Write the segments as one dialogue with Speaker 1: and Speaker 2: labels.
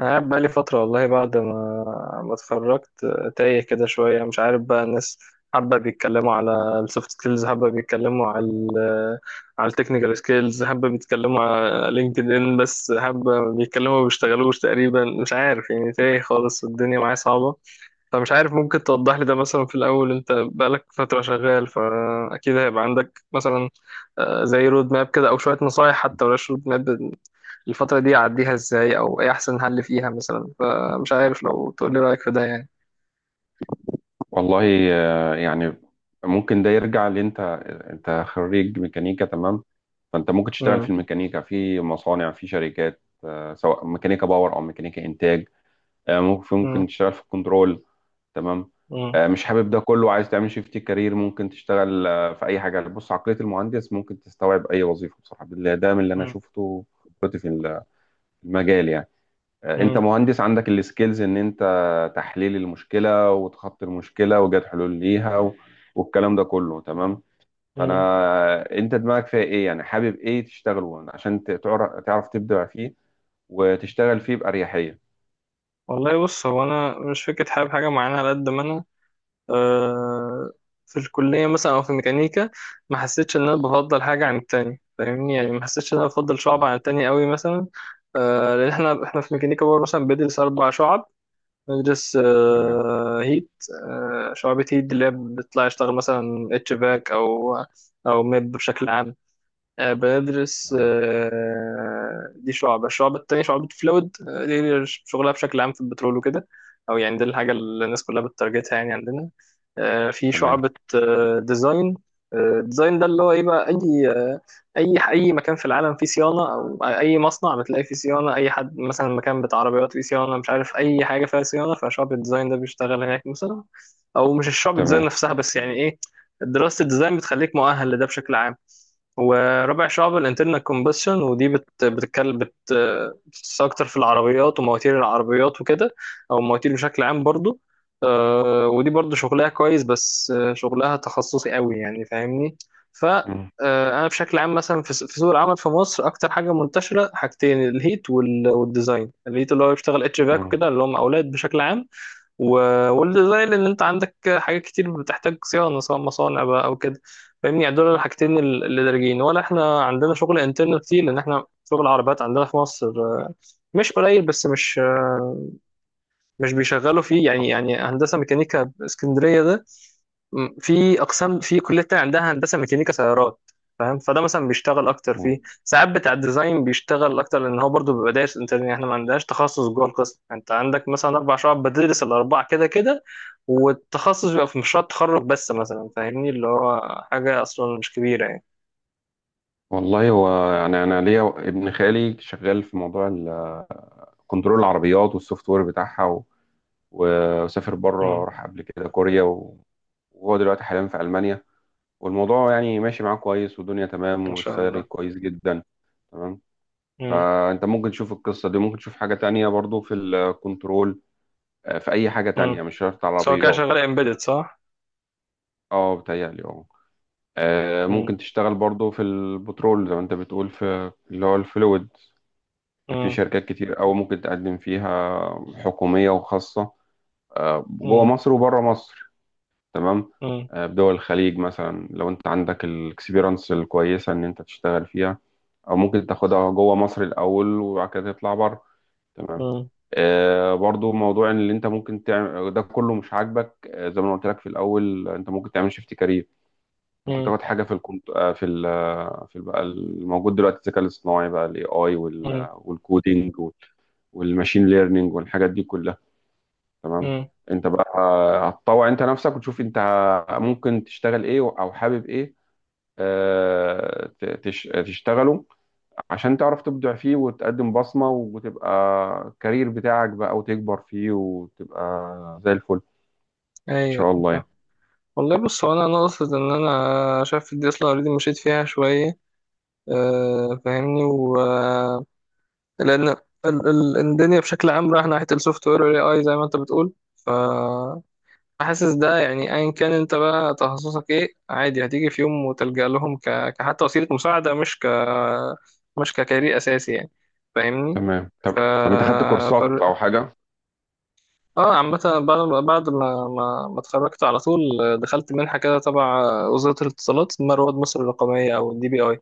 Speaker 1: أنا قاعد بقالي فترة، والله بعد ما اتخرجت. تايه كده شوية، مش عارف بقى. الناس حابة بيتكلموا على السوفت سكيلز، حابة بيتكلموا على ال على التكنيكال سكيلز، حابة بيتكلموا على لينكد ان، بس حابة بيتكلموا ما بيشتغلوش تقريبا. مش عارف يعني، تايه خالص والدنيا معايا صعبة. فمش عارف، ممكن توضح لي ده مثلا؟ في الأول أنت بقالك فترة شغال، فأكيد هيبقى عندك مثلا زي رود ماب كده، أو شوية نصايح حتى، ولاش رود ماب الفترة دي أعديها إزاي، أو إيه أحسن حل فيها مثلا. فمش عارف، لو تقول لي رأيك في ده يعني.
Speaker 2: والله يعني ممكن ده يرجع اللي انت انت خريج ميكانيكا. تمام. فانت ممكن تشتغل في
Speaker 1: مم.
Speaker 2: الميكانيكا، في مصانع، في شركات، سواء ميكانيكا باور او ميكانيكا انتاج. ممكن
Speaker 1: مم.
Speaker 2: تشتغل في الكنترول. تمام.
Speaker 1: مم.
Speaker 2: مش حابب ده كله، عايز تعمل شيفت كارير، ممكن تشتغل في اي حاجه. بص، عقليه المهندس ممكن تستوعب اي وظيفه بصراحه بالله، ده من اللي انا
Speaker 1: مم.
Speaker 2: شفته خبرتي في المجال يعني. انت
Speaker 1: مم.
Speaker 2: مهندس عندك السكيلز ان انت تحليل المشكله وتخطي المشكله وجد حلول ليها والكلام ده كله. تمام.
Speaker 1: مم.
Speaker 2: انت دماغك فيها ايه يعني، حابب ايه تشتغل وانا عشان تعرف تبدع فيه وتشتغل فيه باريحيه.
Speaker 1: والله بص، هو أنا مش فكرة حابب حاجة معينة، على قد ما أنا آه في الكلية مثلا أو في الميكانيكا ما حسيتش إن أنا بفضل حاجة عن التاني، فاهمني يعني؟ ما حسيتش إن أنا بفضل شعب
Speaker 2: مم.
Speaker 1: عن التاني قوي مثلا. لأن إحنا في ميكانيكا برضه مثلا بندرس أربع شعب. ندرس
Speaker 2: تمام،
Speaker 1: هيت. شعبة هيت اللي هي بتطلع يشتغل مثلا اتش باك او ميب بشكل عام. بدرس
Speaker 2: تمام،
Speaker 1: دي شعبة الشعبة التانية شعبة فلويد. دي شغلها بشكل عام في البترول وكده. أو يعني دي الحاجة اللي الناس كلها بتترجتها يعني عندنا. في
Speaker 2: تمام،
Speaker 1: شعبة آه، ديزاين آه، ديزاين. ده اللي هو ايه بقى، اي آه، اي اي مكان في العالم فيه صيانه، او اي مصنع بتلاقي فيه صيانه، اي حد مثلا مكان بتاع عربيات فيه صيانه، مش عارف اي حاجه فيها صيانه، فشعبة الديزاين ده بيشتغل هناك مثلا. او مش الشعبة الديزاين
Speaker 2: تمام.
Speaker 1: نفسها، بس يعني ايه، دراسه الديزاين بتخليك مؤهل لده بشكل عام. ورابع شعب الانترنال كومبشن، ودي بت بتتكلم بت بتتخصص اكتر في العربيات ومواتير العربيات وكده، او المواتير بشكل عام برضو. ودي برضو شغلها كويس، بس شغلها تخصصي قوي يعني، فاهمني؟ ف آه،
Speaker 2: مم.
Speaker 1: انا بشكل عام مثلا في سوق العمل في مصر، اكتر حاجه منتشره حاجتين، الهيت والديزاين. الهيت اللي هو بيشتغل اتش فاك
Speaker 2: مم.
Speaker 1: وكده، اللي هم اولاد بشكل عام. والديزاين ان انت عندك حاجات كتير بتحتاج صيانه، سواء مصانع بقى او كده. فاهمني يعني، دول الحاجتين اللي دارجين. ولا احنا عندنا شغل انترنال كتير، لان احنا شغل عربيات عندنا في مصر مش قليل، بس مش مش بيشغلوا فيه يعني. يعني هندسه ميكانيكا اسكندريه ده، في اقسام في كليه تانية عندها هندسه ميكانيكا سيارات، فاهم؟ فده مثلا بيشتغل اكتر فيه.
Speaker 2: مم.
Speaker 1: ساعات بتاع الديزاين بيشتغل اكتر، لان هو برضو بيبقى دارس. انت احنا ما عندناش تخصص جوه القسم، انت عندك مثلا اربع شعب، بتدرس الاربعه كده كده. والتخصص بيبقى في مشروع التخرج بس مثلا، فاهمني؟ اللي هو حاجه اصلا مش كبيره يعني.
Speaker 2: والله هو يعني انا ليا ابن خالي شغال في موضوع كنترول العربيات والسوفت وير بتاعها. وسافر بره،
Speaker 1: امم.
Speaker 2: راح قبل كده كوريا، وهو دلوقتي حاليا في ألمانيا. والموضوع يعني ماشي معاه كويس، والدنيا تمام،
Speaker 1: ما شاء
Speaker 2: والسالري
Speaker 1: الله.
Speaker 2: كويس جدا. تمام.
Speaker 1: امم.
Speaker 2: فأنت ممكن تشوف القصة دي، ممكن تشوف حاجة تانية برضو في الكنترول، في أي حاجة تانية،
Speaker 1: امم.
Speaker 2: مش شرط
Speaker 1: سواء كده
Speaker 2: عربيات.
Speaker 1: شغال امبيدد، صح؟
Speaker 2: اه، بتهيألي، اه. ممكن
Speaker 1: امم.
Speaker 2: تشتغل برضو في البترول زي ما انت بتقول، في اللي هو الفلويد. في
Speaker 1: امم.
Speaker 2: شركات كتير أوي ممكن تقدم فيها، حكومية وخاصة، جوه
Speaker 1: امم.
Speaker 2: مصر وبره مصر. تمام.
Speaker 1: امم.
Speaker 2: بدول الخليج مثلا لو انت عندك الاكسبيرنس الكويسه ان انت تشتغل فيها، او ممكن تاخدها جوه مصر الاول وبعد كده تطلع بره. تمام.
Speaker 1: امم.
Speaker 2: برضو موضوع ان اللي انت ممكن تعمل ده كله مش عاجبك، زي ما أنا قلت لك في الاول، انت ممكن تعمل شيفت كارير. ممكن
Speaker 1: امم.
Speaker 2: تاخد حاجه في الكمت... آه، في ال... آه، في ال- بقى الموجود دلوقتي الذكاء الاصطناعي، بقى الاي اي، والكودينج والماشين ليرنينج والحاجات دي كلها. تمام.
Speaker 1: امم.
Speaker 2: انت بقى هتطوع انت نفسك وتشوف انت ممكن تشتغل ايه او حابب ايه، تشتغله عشان تعرف تبدع فيه وتقدم بصمة، وتبقى الكارير بتاعك بقى وتكبر فيه وتبقى زي الفل ان
Speaker 1: ايوه.
Speaker 2: شاء الله يعني.
Speaker 1: والله بص، هو انا ناقص ان انا شايف الدي اس ال ار دي مشيت فيها شويه، فاهمني، و آه، لان الدنيا بشكل عام رايحه ناحيه السوفت وير والاي اي، زي ما انت بتقول. ف حاسس ده يعني، ايا كان انت بقى تخصصك ايه، عادي هتيجي في يوم وتلجأ لهم كحتى وسيله مساعده، مش ككارير اساسي يعني، فاهمني؟
Speaker 2: تمام.
Speaker 1: ف...
Speaker 2: طب انت خدت كورسات او حاجة؟
Speaker 1: اه عامة بعد ما اتخرجت على طول، دخلت منحة كده تبع وزارة الاتصالات، اسمها رواد مصر الرقمية أو الدي بي أي.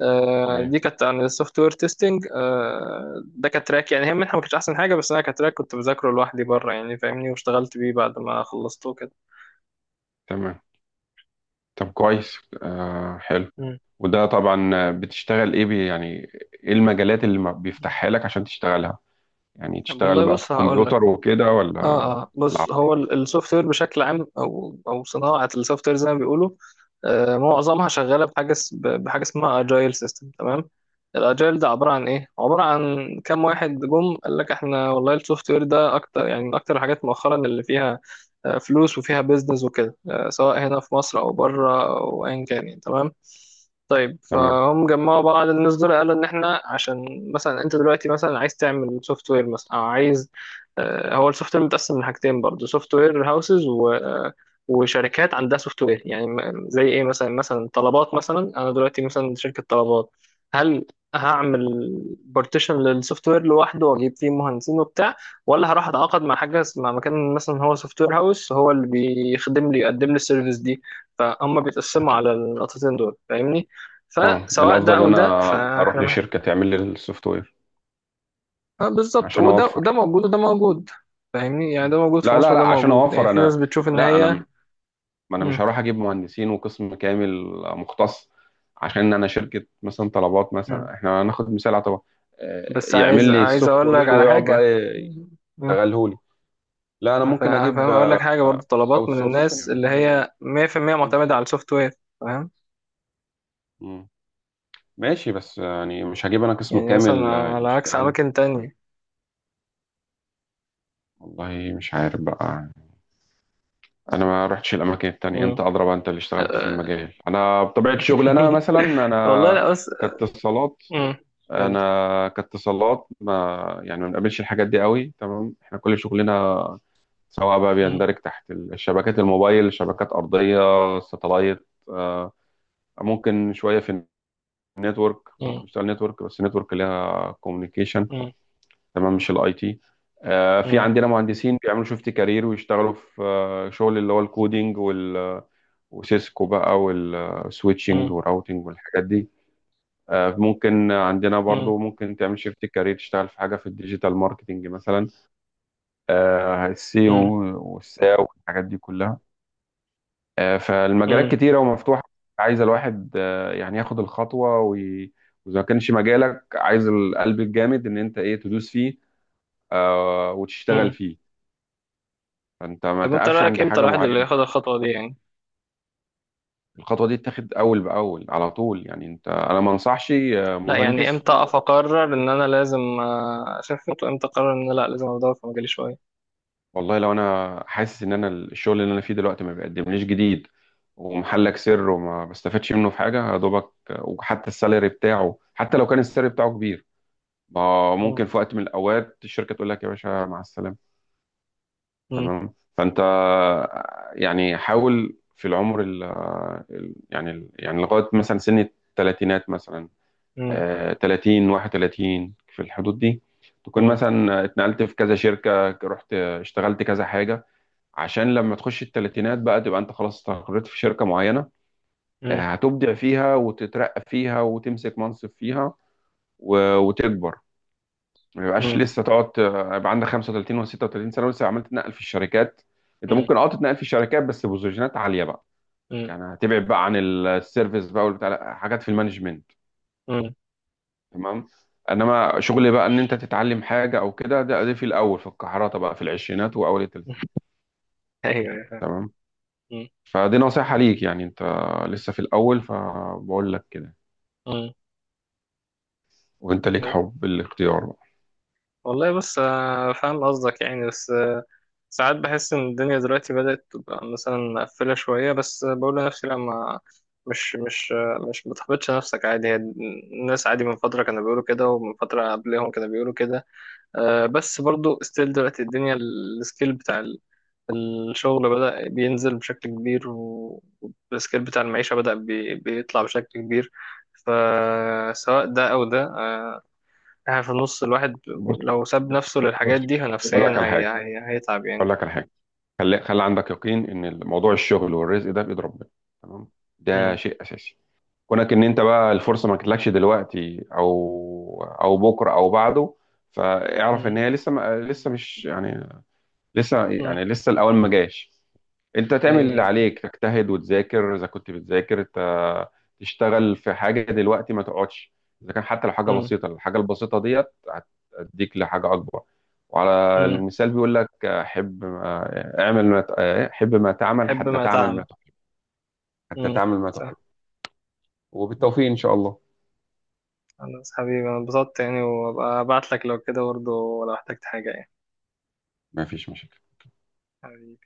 Speaker 2: ايه.
Speaker 1: دي كانت عن السوفت وير تيستنج. ده كتراك يعني، هي منحة ما كانتش أحسن حاجة، بس أنا كتراك كنت بذاكره لوحدي بره يعني، فاهمني؟ واشتغلت بيه بعد ما خلصته كده.
Speaker 2: تمام، طب كويس، حلو.
Speaker 1: مم.
Speaker 2: وده طبعا بتشتغل ايه يعني، ايه المجالات اللي ما بيفتحها لك عشان تشتغلها؟ يعني تشتغل
Speaker 1: والله
Speaker 2: بقى في
Speaker 1: بص، هقول لك.
Speaker 2: الكمبيوتر وكده، ولا
Speaker 1: اه
Speaker 2: في
Speaker 1: بص، هو
Speaker 2: العربية؟
Speaker 1: السوفت وير بشكل عام، او صناعه السوفت وير زي ما بيقولوا. معظمها شغاله بحاجه اسمها اجايل سيستم، تمام. الاجايل ده عباره عن ايه، عباره عن كام واحد جم قال لك احنا والله السوفت وير ده اكتر يعني من اكتر الحاجات مؤخرا اللي فيها فلوس وفيها بيزنس وكده، سواء هنا في مصر او بره او ايا كان يعني، تمام. طيب،
Speaker 2: تمام.
Speaker 1: فهم جمعوا بعض الناس دول قالوا ان احنا عشان مثلا انت دلوقتي مثلا عايز تعمل سوفت وير مثلا، او عايز هو السوفت وير متقسم من حاجتين برضه، سوفت وير هاوسز و آه، وشركات عندها سوفت وير. يعني زي ايه مثلا طلبات مثلا. انا دلوقتي مثلا شركة طلبات، هل هعمل بارتيشن للسوفت وير لوحده واجيب فيه مهندسين وبتاع، ولا هروح اتعاقد مع حاجه مع مكان مثلا هو سوفت وير هاوس هو اللي بيخدم لي يقدم لي السيرفيس دي؟ فهم بيتقسموا
Speaker 2: أكيد.
Speaker 1: على النقطتين دول، فاهمني؟
Speaker 2: اه،
Speaker 1: فسواء ده
Speaker 2: الأفضل
Speaker 1: او
Speaker 2: إن
Speaker 1: ده،
Speaker 2: أنا أروح
Speaker 1: فاحنا
Speaker 2: لشركة
Speaker 1: محتاج.
Speaker 2: تعمل لي السوفت وير
Speaker 1: بالظبط،
Speaker 2: عشان
Speaker 1: وده وده
Speaker 2: أوفر.
Speaker 1: موجود وده موجود. فاهمني يعني، ده موجود في
Speaker 2: لا،
Speaker 1: مصر
Speaker 2: لا،
Speaker 1: وده
Speaker 2: لا، عشان
Speaker 1: موجود، يعني
Speaker 2: أوفر
Speaker 1: في ناس
Speaker 2: أنا.
Speaker 1: بتشوف ان
Speaker 2: لا،
Speaker 1: هي.
Speaker 2: ما أنا
Speaker 1: مم.
Speaker 2: مش هروح أجيب مهندسين وقسم كامل مختص. عشان أنا شركة مثلا، طلبات
Speaker 1: مم.
Speaker 2: مثلا، إحنا هناخد مثال على طبعا،
Speaker 1: بس
Speaker 2: يعمل
Speaker 1: عايز
Speaker 2: لي
Speaker 1: عايز
Speaker 2: السوفت
Speaker 1: اقول لك
Speaker 2: وير
Speaker 1: على
Speaker 2: ويقعد بقى
Speaker 1: حاجه. مم.
Speaker 2: يشتغله لي. لا، أنا ممكن
Speaker 1: فاهم،
Speaker 2: أجيب
Speaker 1: اقول لك حاجه برضو، طلبات
Speaker 2: أوت
Speaker 1: من
Speaker 2: سورس
Speaker 1: الناس
Speaker 2: يعني.
Speaker 1: اللي هي 100% معتمده على السوفت وير، فاهم؟
Speaker 2: مم. ماشي، بس يعني مش هجيب أنا قسم
Speaker 1: يعني مثلا
Speaker 2: كامل
Speaker 1: على عكس
Speaker 2: يشتغل.
Speaker 1: اماكن تانية.
Speaker 2: والله مش عارف بقى. انا ما رحتش الاماكن التانية،
Speaker 1: مم.
Speaker 2: انت اللي اشتغلت في
Speaker 1: أه.
Speaker 2: المجال. انا بطبيعة شغلي،
Speaker 1: والله لا، بس.
Speaker 2: كاتصالات
Speaker 1: مم. قول لي.
Speaker 2: انا كاتصالات ما يعني ما بنقابلش الحاجات دي قوي. تمام. احنا كل شغلنا، سواء بقى،
Speaker 1: مم.
Speaker 2: بيندرج تحت الشبكات الموبايل، شبكات ارضية، ساتلايت، ممكن شوية في النتورك،
Speaker 1: مم.
Speaker 2: ممكن نشتغل نتورك، بس النتورك ليها كوميونيكيشن.
Speaker 1: مم.
Speaker 2: تمام، مش الاي تي. في
Speaker 1: مم.
Speaker 2: عندنا مهندسين بيعملوا شيفت كارير ويشتغلوا في شغل اللي هو الكودينج وسيسكو بقى والسويتشنج
Speaker 1: مم.
Speaker 2: والراوتنج والحاجات دي. ممكن عندنا
Speaker 1: مم.
Speaker 2: برضو، ممكن تعمل شيفت كارير، تشتغل في حاجة في الديجيتال ماركتنج مثلا، السيو والساو والحاجات دي كلها. فالمجالات
Speaker 1: مم.
Speaker 2: كتيرة ومفتوحة. عايز الواحد يعني ياخد الخطوة وإذا ما كانش مجالك، عايز القلب الجامد إن أنت إيه، تدوس فيه وتشتغل
Speaker 1: مم.
Speaker 2: فيه. فانت ما
Speaker 1: طب انت
Speaker 2: تقفش
Speaker 1: رايك
Speaker 2: عند
Speaker 1: امتى
Speaker 2: حاجه
Speaker 1: الواحد اللي
Speaker 2: معينه.
Speaker 1: ياخد الخطوه دي يعني؟
Speaker 2: الخطوه دي تتاخد اول باول على طول يعني. انا ما انصحش
Speaker 1: لا يعني
Speaker 2: مهندس.
Speaker 1: امتى اقف اقرر ان انا لازم اشوف خطوه، امتى اقرر ان أنا لا، لازم ادور في مجالي شويه؟
Speaker 2: والله لو انا حاسس ان انا الشغل اللي انا فيه دلوقتي ما بيقدمليش جديد، ومحلك سر، وما بستفادش منه في حاجه يا دوبك، وحتى السالري بتاعه، حتى لو كان السالري بتاعه كبير. ما
Speaker 1: مم.
Speaker 2: ممكن في وقت من الاوقات الشركه تقول لك يا باشا مع السلامه.
Speaker 1: مم.
Speaker 2: تمام. فانت يعني حاول في العمر ال آه، ال- يعني ال- يعني لغايه مثلا سن الثلاثينات مثلا،
Speaker 1: مم.
Speaker 2: 30 31 في الحدود دي، تكون
Speaker 1: مم.
Speaker 2: مثلا اتنقلت في كذا شركة، رحت اشتغلت كذا حاجة. عشان لما تخش التلاتينات بقى، تبقى انت خلاص استقريت في شركة معينة،
Speaker 1: مم.
Speaker 2: هتبدع فيها وتترقى فيها وتمسك منصب فيها وتكبر. ما يبقاش
Speaker 1: مم.
Speaker 2: لسه تقعد يبقى عندك 35 و36 سنة ولسه عمال تتنقل في الشركات. انت
Speaker 1: مم.
Speaker 2: ممكن تتنقل في الشركات، بس بوزيشنات عالية بقى،
Speaker 1: مم.
Speaker 2: يعني هتبعد بقى عن السيرفيس بقى والبتاع، لا، حاجات في المانجمنت.
Speaker 1: مم.
Speaker 2: تمام. انما شغل بقى ان انت تتعلم حاجه او كده، ده في الاول، في الكحرته بقى، في العشرينات واول الثلاثينات.
Speaker 1: ايوه. أيوة، فاهم.
Speaker 2: تمام.
Speaker 1: مم.
Speaker 2: فدي نصيحه ليك يعني، انت لسه في الاول فبقول لك كده.
Speaker 1: مم.
Speaker 2: وانت ليك
Speaker 1: مم.
Speaker 2: حب الاختيار بقى.
Speaker 1: والله، بس فاهم قصدك يعني، بس ساعات بحس ان الدنيا دلوقتي بدأت تبقى مثلا مقفلة شوية. بس بقول لنفسي لا، ما، مش متحبطش نفسك، عادي، هي الناس عادي من فترة كانوا بيقولوا كده، ومن فترة قبلهم كانوا بيقولوا كده. بس برضو ستيل دلوقتي الدنيا، السكيل بتاع الشغل بدأ بينزل بشكل كبير، والسكيل بتاع المعيشة بدأ بيطلع بشكل كبير. فسواء ده أو ده يعني، في النص الواحد
Speaker 2: بص،
Speaker 1: لو ساب نفسه
Speaker 2: بص،
Speaker 1: للحاجات دي
Speaker 2: اقول
Speaker 1: نفسيا،
Speaker 2: لك على
Speaker 1: هي
Speaker 2: حاجه،
Speaker 1: هي هيتعب يعني.
Speaker 2: اقول لك على حاجه. خلي، خلي عندك يقين ان موضوع الشغل والرزق ده بايد ربنا. تمام، ده
Speaker 1: مم.
Speaker 2: شيء اساسي. كونك ان انت بقى الفرصه ما جاتلكش دلوقتي او بكره او بعده، فاعرف ان
Speaker 1: مم.
Speaker 2: هي لسه ما لسه مش يعني لسه
Speaker 1: مم.
Speaker 2: يعني لسه الاول ما جاش. انت تعمل اللي
Speaker 1: أي.
Speaker 2: عليك، تجتهد وتذاكر اذا كنت بتذاكر، تشتغل في حاجه دلوقتي، ما تقعدش. اذا كان حتى لو حاجه
Speaker 1: مم.
Speaker 2: بسيطه، الحاجه البسيطه ديت هتديك لحاجه اكبر. وعلى
Speaker 1: مم.
Speaker 2: المثال بيقول لك، حب ما تعمل
Speaker 1: حب
Speaker 2: حتى
Speaker 1: ما
Speaker 2: تعمل ما
Speaker 1: تعمل.
Speaker 2: تحب. حتى
Speaker 1: مم.
Speaker 2: تعمل ما تحب.
Speaker 1: صح. مم.
Speaker 2: وبالتوفيق ان شاء الله.
Speaker 1: خلاص حبيبي، أنا اتبسطت يعني، وأبقى أبعت لك لو كده برضه، لو احتجت حاجة يعني.
Speaker 2: ما فيش مشاكل.
Speaker 1: حبيبي.